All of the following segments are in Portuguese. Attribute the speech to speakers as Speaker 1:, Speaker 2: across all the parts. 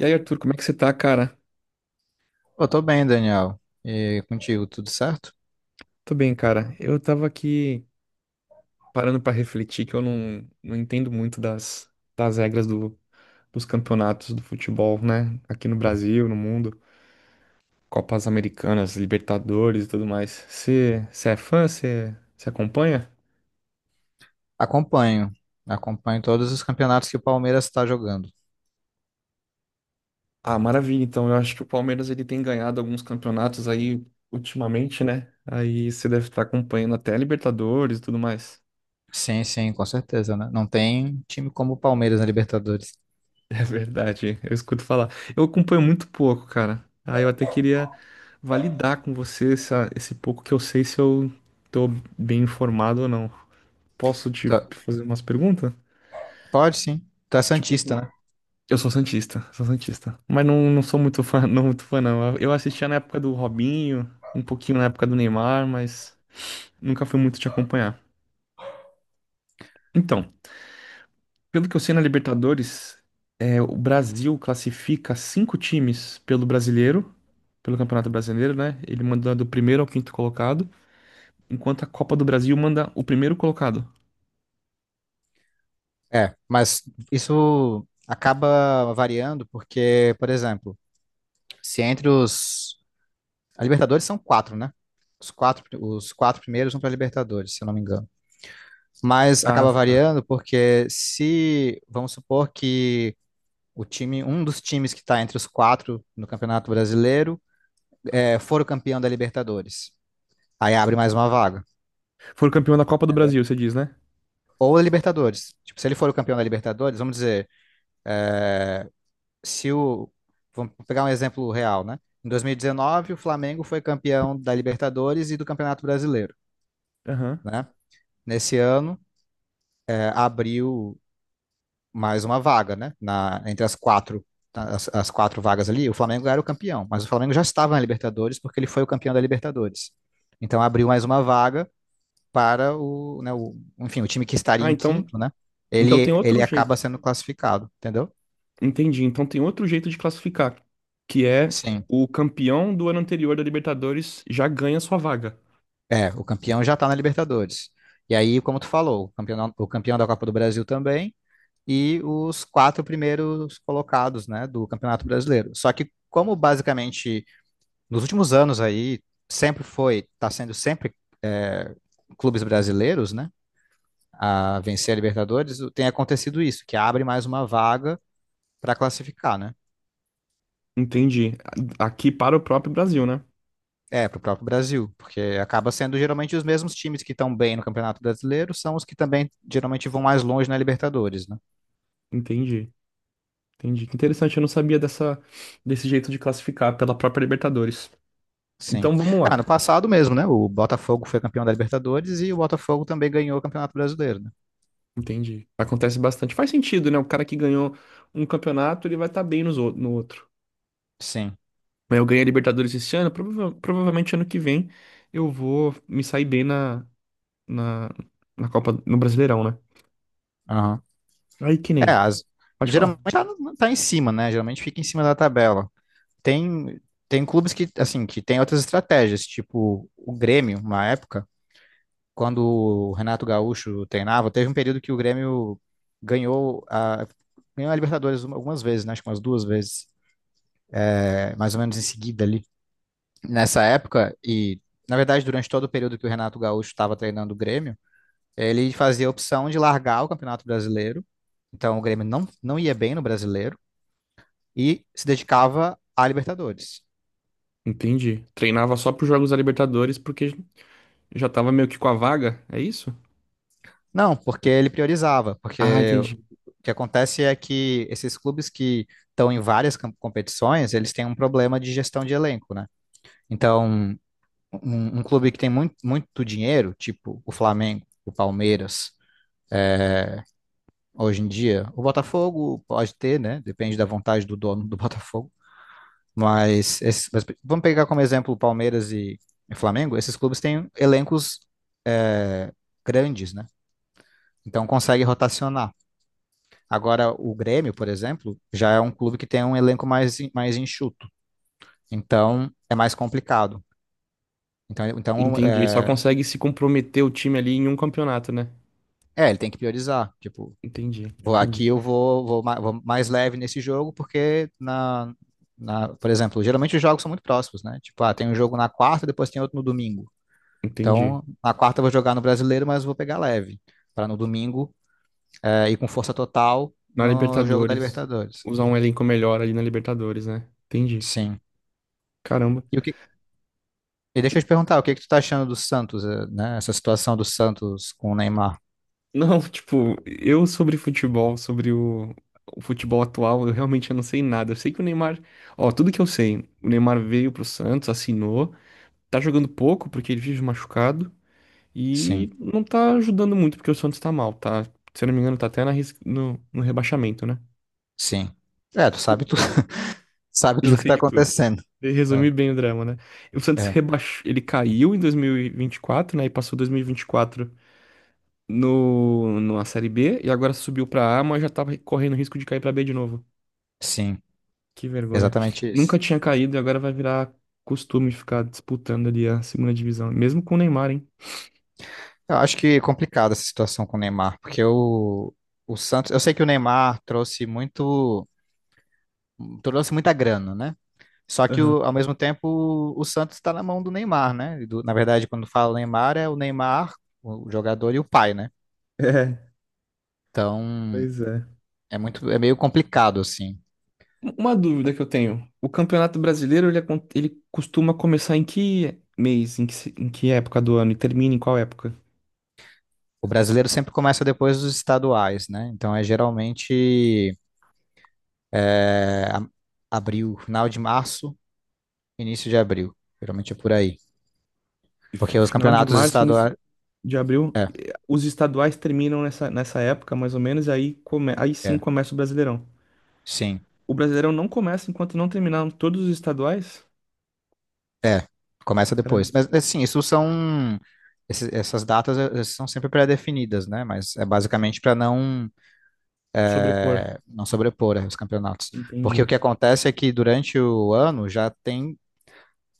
Speaker 1: E aí, Arthur, como é que você tá, cara?
Speaker 2: Eu tô bem, Daniel. E contigo, tudo certo?
Speaker 1: Tô bem, cara. Eu tava aqui parando pra refletir que eu não entendo muito das regras do, dos campeonatos do futebol, né? Aqui no Brasil, no mundo. Copas Americanas, Libertadores e tudo mais. Você é fã? Você acompanha?
Speaker 2: Acompanho. Acompanho todos os campeonatos que o Palmeiras está jogando.
Speaker 1: Ah, maravilha. Então, eu acho que o Palmeiras ele tem ganhado alguns campeonatos aí ultimamente, né? Aí você deve estar acompanhando até a Libertadores e tudo mais.
Speaker 2: Sim, sim, com certeza, né? Não tem time como o Palmeiras na Libertadores.
Speaker 1: É verdade, eu escuto falar. Eu acompanho muito pouco, cara. Aí eu até queria validar com você esse pouco que eu sei se eu tô bem informado ou não. Posso te
Speaker 2: Tá-
Speaker 1: fazer umas perguntas?
Speaker 2: Pode sim. Tu é
Speaker 1: Tipo,
Speaker 2: santista, né?
Speaker 1: eu sou santista, sou santista. Mas não sou muito fã, não muito fã, não. Eu assistia na época do Robinho, um pouquinho na época do Neymar, mas nunca fui muito te acompanhar. Então, pelo que eu sei na Libertadores, o Brasil classifica cinco times pelo Brasileiro, pelo Campeonato Brasileiro, né? Ele manda do primeiro ao quinto colocado, enquanto a Copa do Brasil manda o primeiro colocado.
Speaker 2: É, mas isso acaba variando porque, por exemplo, se entre os... A Libertadores são quatro, né? Os quatro primeiros vão para a Libertadores, se eu não me engano. Mas
Speaker 1: Ah,
Speaker 2: acaba
Speaker 1: tá.
Speaker 2: variando porque se, vamos supor que o time, um dos times que está entre os quatro no Campeonato Brasileiro, for o campeão da Libertadores. Aí abre mais uma vaga,
Speaker 1: Foi o campeão da Copa do Brasil,
Speaker 2: entendeu?
Speaker 1: você diz, né?
Speaker 2: Ou a Libertadores. Tipo, se ele for o campeão da Libertadores, vamos dizer, é, se o. Vamos pegar um exemplo real, né? Em 2019, o Flamengo foi campeão da Libertadores e do Campeonato Brasileiro,
Speaker 1: Aham.
Speaker 2: né? Nesse ano, abriu mais uma vaga, né? Na, entre as quatro, as quatro vagas ali, o Flamengo era o campeão, mas o Flamengo já estava na Libertadores porque ele foi o campeão da Libertadores. Então abriu mais uma vaga para o, né, o, enfim, o time que estaria
Speaker 1: Ah,
Speaker 2: em
Speaker 1: então,
Speaker 2: quinto, né?
Speaker 1: então
Speaker 2: Ele,
Speaker 1: tem outro
Speaker 2: ele acaba
Speaker 1: jeito.
Speaker 2: sendo classificado, entendeu?
Speaker 1: Entendi. Então tem outro jeito de classificar, que é
Speaker 2: Sim.
Speaker 1: o campeão do ano anterior da Libertadores já ganha sua vaga.
Speaker 2: É, o campeão já está na Libertadores. E aí, como tu falou, o campeão da Copa do Brasil também e os quatro primeiros colocados, né, do Campeonato Brasileiro. Só que como basicamente nos últimos anos aí, sempre foi, tá sendo sempre é, clubes brasileiros, né, a vencer a Libertadores, tem acontecido isso, que abre mais uma vaga para classificar, né?
Speaker 1: Entendi. Aqui para o próprio Brasil, né?
Speaker 2: É, para o próprio Brasil, porque acaba sendo geralmente os mesmos times que estão bem no Campeonato Brasileiro são os que também geralmente vão mais longe na Libertadores, né?
Speaker 1: Entendi. Entendi. Que interessante, eu não sabia dessa, desse jeito de classificar pela própria Libertadores.
Speaker 2: Sim.
Speaker 1: Então vamos lá.
Speaker 2: Ah, no passado mesmo, né? O Botafogo foi campeão da Libertadores e o Botafogo também ganhou o Campeonato Brasileiro, né?
Speaker 1: Entendi. Acontece bastante. Faz sentido, né? O cara que ganhou um campeonato, ele vai estar bem no outro.
Speaker 2: Sim.
Speaker 1: Mas eu ganhei a Libertadores esse ano, provavelmente ano que vem eu vou me sair bem na, na, na Copa, no Brasileirão, né?
Speaker 2: Aham.
Speaker 1: Aí que
Speaker 2: É,
Speaker 1: nem.
Speaker 2: as-
Speaker 1: Pode falar.
Speaker 2: geralmente tá, tá em cima, né? Geralmente fica em cima da tabela. Tem, tem clubes que, assim, que tem outras estratégias, tipo o Grêmio, uma época, quando o Renato Gaúcho treinava, teve um período que o Grêmio ganhou a, ganhou a Libertadores algumas vezes, né? Acho que umas duas vezes, mais ou menos em seguida ali. Nessa época, e na verdade, durante todo o período que o Renato Gaúcho estava treinando o Grêmio, ele fazia a opção de largar o Campeonato Brasileiro. Então o Grêmio não ia bem no Brasileiro e se dedicava à Libertadores.
Speaker 1: Entendi. Treinava só pros jogos da Libertadores porque já tava meio que com a vaga, é isso?
Speaker 2: Não, porque ele priorizava,
Speaker 1: Ah,
Speaker 2: porque
Speaker 1: entendi.
Speaker 2: o que acontece é que esses clubes que estão em competições, eles têm um problema de gestão de elenco, né? Então, um clube que tem muito, muito dinheiro, tipo o Flamengo, o Palmeiras, hoje em dia, o Botafogo pode ter, né? Depende da vontade do dono do Botafogo. Mas, mas vamos pegar como exemplo o Palmeiras e Flamengo. Esses clubes têm elencos é, grandes, né? Então consegue rotacionar. Agora, o Grêmio, por exemplo, já é um clube que tem um elenco mais, mais enxuto. Então, é mais complicado. Então,
Speaker 1: Entendi. Só consegue se comprometer o time ali em um campeonato, né?
Speaker 2: ele tem que priorizar. Tipo,
Speaker 1: Entendi,
Speaker 2: vou, aqui
Speaker 1: entendi,
Speaker 2: eu vou, vou, ma- vou mais leve nesse jogo, porque por exemplo, geralmente os jogos são muito próximos, né? Tipo, ah, tem um jogo na quarta, depois tem outro no domingo.
Speaker 1: entendi.
Speaker 2: Então, na quarta eu vou jogar no brasileiro, mas vou pegar leve. Para no domingo, ir com força total
Speaker 1: Na
Speaker 2: no jogo da
Speaker 1: Libertadores,
Speaker 2: Libertadores.
Speaker 1: usar um elenco melhor ali na Libertadores, né? Entendi.
Speaker 2: Sim.
Speaker 1: Caramba.
Speaker 2: E o que, e deixa eu te perguntar, o que que tu tá achando do Santos, né? Essa situação do Santos com o Neymar.
Speaker 1: Não, tipo, eu sobre futebol, o futebol atual, eu realmente não sei nada. Eu sei que o Neymar, ó, tudo que eu sei, o Neymar veio pro Santos, assinou, tá jogando pouco porque ele vive machucado
Speaker 2: Sim.
Speaker 1: e não tá ajudando muito porque o Santos tá mal, tá? Se eu não me engano, tá até na, ris- no, no rebaixamento, né?
Speaker 2: Sim. É, tu sabe tudo, sabe
Speaker 1: Já
Speaker 2: tudo que
Speaker 1: sei
Speaker 2: tá
Speaker 1: de tudo.
Speaker 2: acontecendo. É,
Speaker 1: Resumir bem o drama, né? O Santos
Speaker 2: é,
Speaker 1: rebaixou, ele caiu em 2024, né? E passou 2024 no, numa Série B e agora subiu pra A, mas já tava correndo risco de cair pra B de novo.
Speaker 2: sim,
Speaker 1: Que vergonha.
Speaker 2: exatamente
Speaker 1: Nunca
Speaker 2: isso.
Speaker 1: tinha caído e agora vai virar costume de ficar disputando ali a segunda divisão, mesmo com o Neymar, hein?
Speaker 2: Eu acho que é complicada essa situação com o Neymar, porque o Santos, eu sei que o Neymar trouxe muito, trouxe muita grana, né? Só que
Speaker 1: Aham.
Speaker 2: ao mesmo tempo o Santos está na mão do Neymar, né? Na verdade, quando fala Neymar, é o Neymar, o jogador e o pai, né?
Speaker 1: É,
Speaker 2: Então
Speaker 1: pois é.
Speaker 2: é muito, é meio complicado assim.
Speaker 1: Uma dúvida que eu tenho. O Campeonato Brasileiro, ele, ele costuma começar em que mês, em que, em que época do ano e termina em qual época?
Speaker 2: O brasileiro sempre começa depois dos estaduais, né? Então é geralmente É, a- abril, final de março, início de abril. Geralmente é por aí. Porque os
Speaker 1: Final de
Speaker 2: campeonatos
Speaker 1: março, início
Speaker 2: estaduais.
Speaker 1: de abril.
Speaker 2: É,
Speaker 1: E os estaduais terminam nessa, nessa época, mais ou menos, e aí, aí sim
Speaker 2: é,
Speaker 1: começa o Brasileirão.
Speaker 2: sim.
Speaker 1: O Brasileirão não começa enquanto não terminaram todos os estaduais?
Speaker 2: É, começa
Speaker 1: Para
Speaker 2: depois. Mas, assim, isso são. Essas datas são sempre pré-definidas, né? Mas é basicamente para não,
Speaker 1: sobrepor.
Speaker 2: não sobrepor os campeonatos. Porque o
Speaker 1: Entendi.
Speaker 2: que acontece é que durante o ano já tem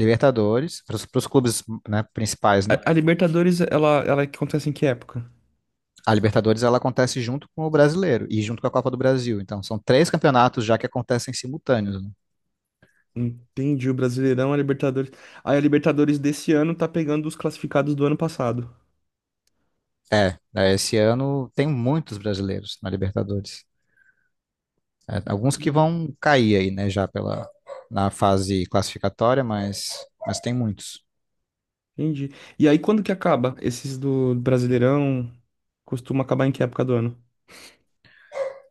Speaker 2: Libertadores, para os clubes, né, principais, né?
Speaker 1: A Libertadores, ela acontece em que época?
Speaker 2: A Libertadores ela acontece junto com o Brasileiro e junto com a Copa do Brasil. Então, são três campeonatos já que acontecem simultâneos. Né?
Speaker 1: Entendi. O Brasileirão, a Libertadores. Aí a Libertadores desse ano tá pegando os classificados do ano passado.
Speaker 2: É, né, esse ano tem muitos brasileiros na Libertadores. É, alguns que
Speaker 1: Entendi.
Speaker 2: vão cair aí, né, já pela, na fase classificatória, mas tem muitos.
Speaker 1: Entendi. E aí, quando que acaba? Esses do Brasileirão costuma acabar em que época do ano?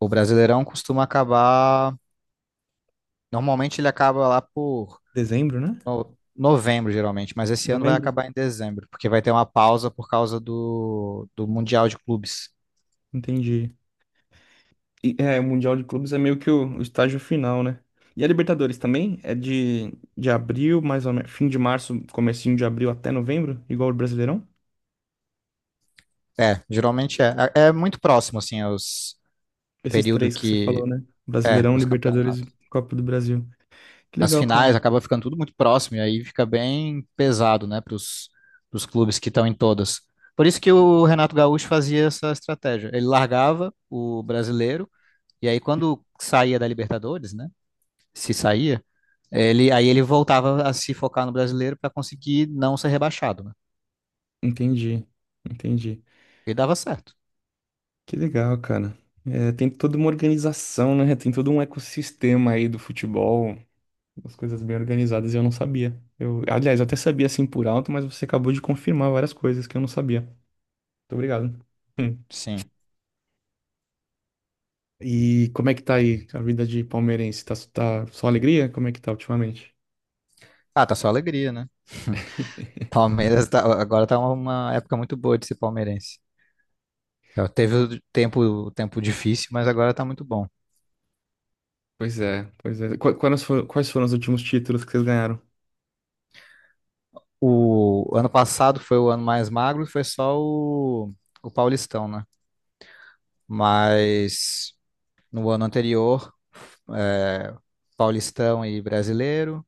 Speaker 2: O Brasileirão costuma acabar. Normalmente ele acaba lá por
Speaker 1: Dezembro, né?
Speaker 2: novembro, geralmente, mas esse ano vai
Speaker 1: Novembro?
Speaker 2: acabar em dezembro, porque vai ter uma pausa por causa do Mundial de Clubes.
Speaker 1: Entendi. E, é, o Mundial de Clubes é meio que o estágio final, né? E a Libertadores também? É de abril, mais ou menos, fim de março, comecinho de abril até novembro, igual o Brasileirão?
Speaker 2: É, geralmente é. É muito próximo, assim, os, o
Speaker 1: Esses
Speaker 2: período
Speaker 1: três que você
Speaker 2: que.
Speaker 1: falou, né?
Speaker 2: É,
Speaker 1: Brasileirão,
Speaker 2: os
Speaker 1: Libertadores e
Speaker 2: campeonatos.
Speaker 1: Copa do Brasil. Que
Speaker 2: As
Speaker 1: legal, cara.
Speaker 2: finais acaba ficando tudo muito próximo, e aí fica bem pesado, né, para os clubes que estão em todas. Por isso que o Renato Gaúcho fazia essa estratégia. Ele largava o brasileiro, e aí quando saía da Libertadores, né, se saía, aí ele voltava a se focar no brasileiro para conseguir não ser rebaixado, né?
Speaker 1: Entendi, entendi.
Speaker 2: E dava certo.
Speaker 1: Que legal, cara. É, tem toda uma organização, né? Tem todo um ecossistema aí do futebol, as coisas bem organizadas, e eu não sabia. Eu, aliás, eu até sabia assim por alto, mas você acabou de confirmar várias coisas que eu não sabia. Muito obrigado.
Speaker 2: Sim.
Speaker 1: E como é que tá aí a vida de palmeirense? Tá só alegria? Como é que tá ultimamente?
Speaker 2: Ah, tá só alegria, né? Palmeiras tá, agora tá uma época muito boa de ser palmeirense. Então, teve o tempo difícil, mas agora tá muito bom.
Speaker 1: Pois é, pois é. Quais foram os últimos títulos que vocês ganharam?
Speaker 2: O ano passado foi o ano mais magro, foi só o Paulistão, né? Mas no ano anterior, é, Paulistão e Brasileiro.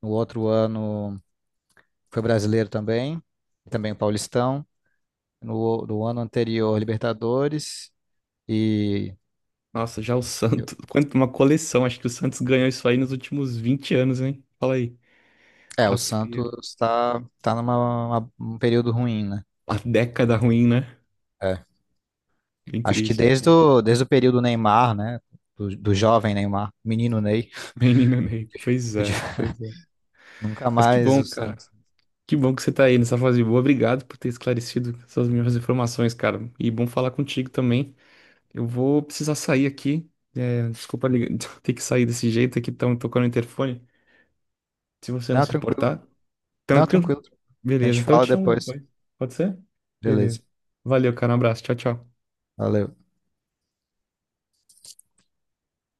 Speaker 2: No outro ano foi Brasileiro também, e também o Paulistão. No ano anterior, Libertadores. E
Speaker 1: Nossa, já o Santos. Quanto uma coleção. Acho que o Santos ganhou isso aí nos últimos 20 anos, hein? Fala aí.
Speaker 2: é,
Speaker 1: Tá
Speaker 2: o
Speaker 1: fria.
Speaker 2: Santos está tá tá numa um período ruim, né?
Speaker 1: A década ruim, né?
Speaker 2: É.
Speaker 1: Bem
Speaker 2: Acho que
Speaker 1: triste.
Speaker 2: desde desde o período Neymar, né? Do jovem Neymar, menino Ney,
Speaker 1: Menino Ney. Pois é, pois é.
Speaker 2: nunca
Speaker 1: Mas que
Speaker 2: mais
Speaker 1: bom,
Speaker 2: o
Speaker 1: cara.
Speaker 2: Santos.
Speaker 1: Que bom que você tá aí nessa fase boa. Obrigado por ter esclarecido essas minhas informações, cara. E bom falar contigo também. Eu vou precisar sair aqui. É, desculpa ter que sair desse jeito aqui, estão tocando o interfone. Se você não
Speaker 2: Não,
Speaker 1: se
Speaker 2: tranquilo.
Speaker 1: importar,
Speaker 2: Não,
Speaker 1: tranquilo?
Speaker 2: tranquilo. A
Speaker 1: Beleza,
Speaker 2: gente
Speaker 1: então eu
Speaker 2: fala
Speaker 1: te chamo
Speaker 2: depois.
Speaker 1: depois. Pode ser? Beleza.
Speaker 2: Beleza.
Speaker 1: Valeu, cara. Um abraço. Tchau, tchau.
Speaker 2: Valeu.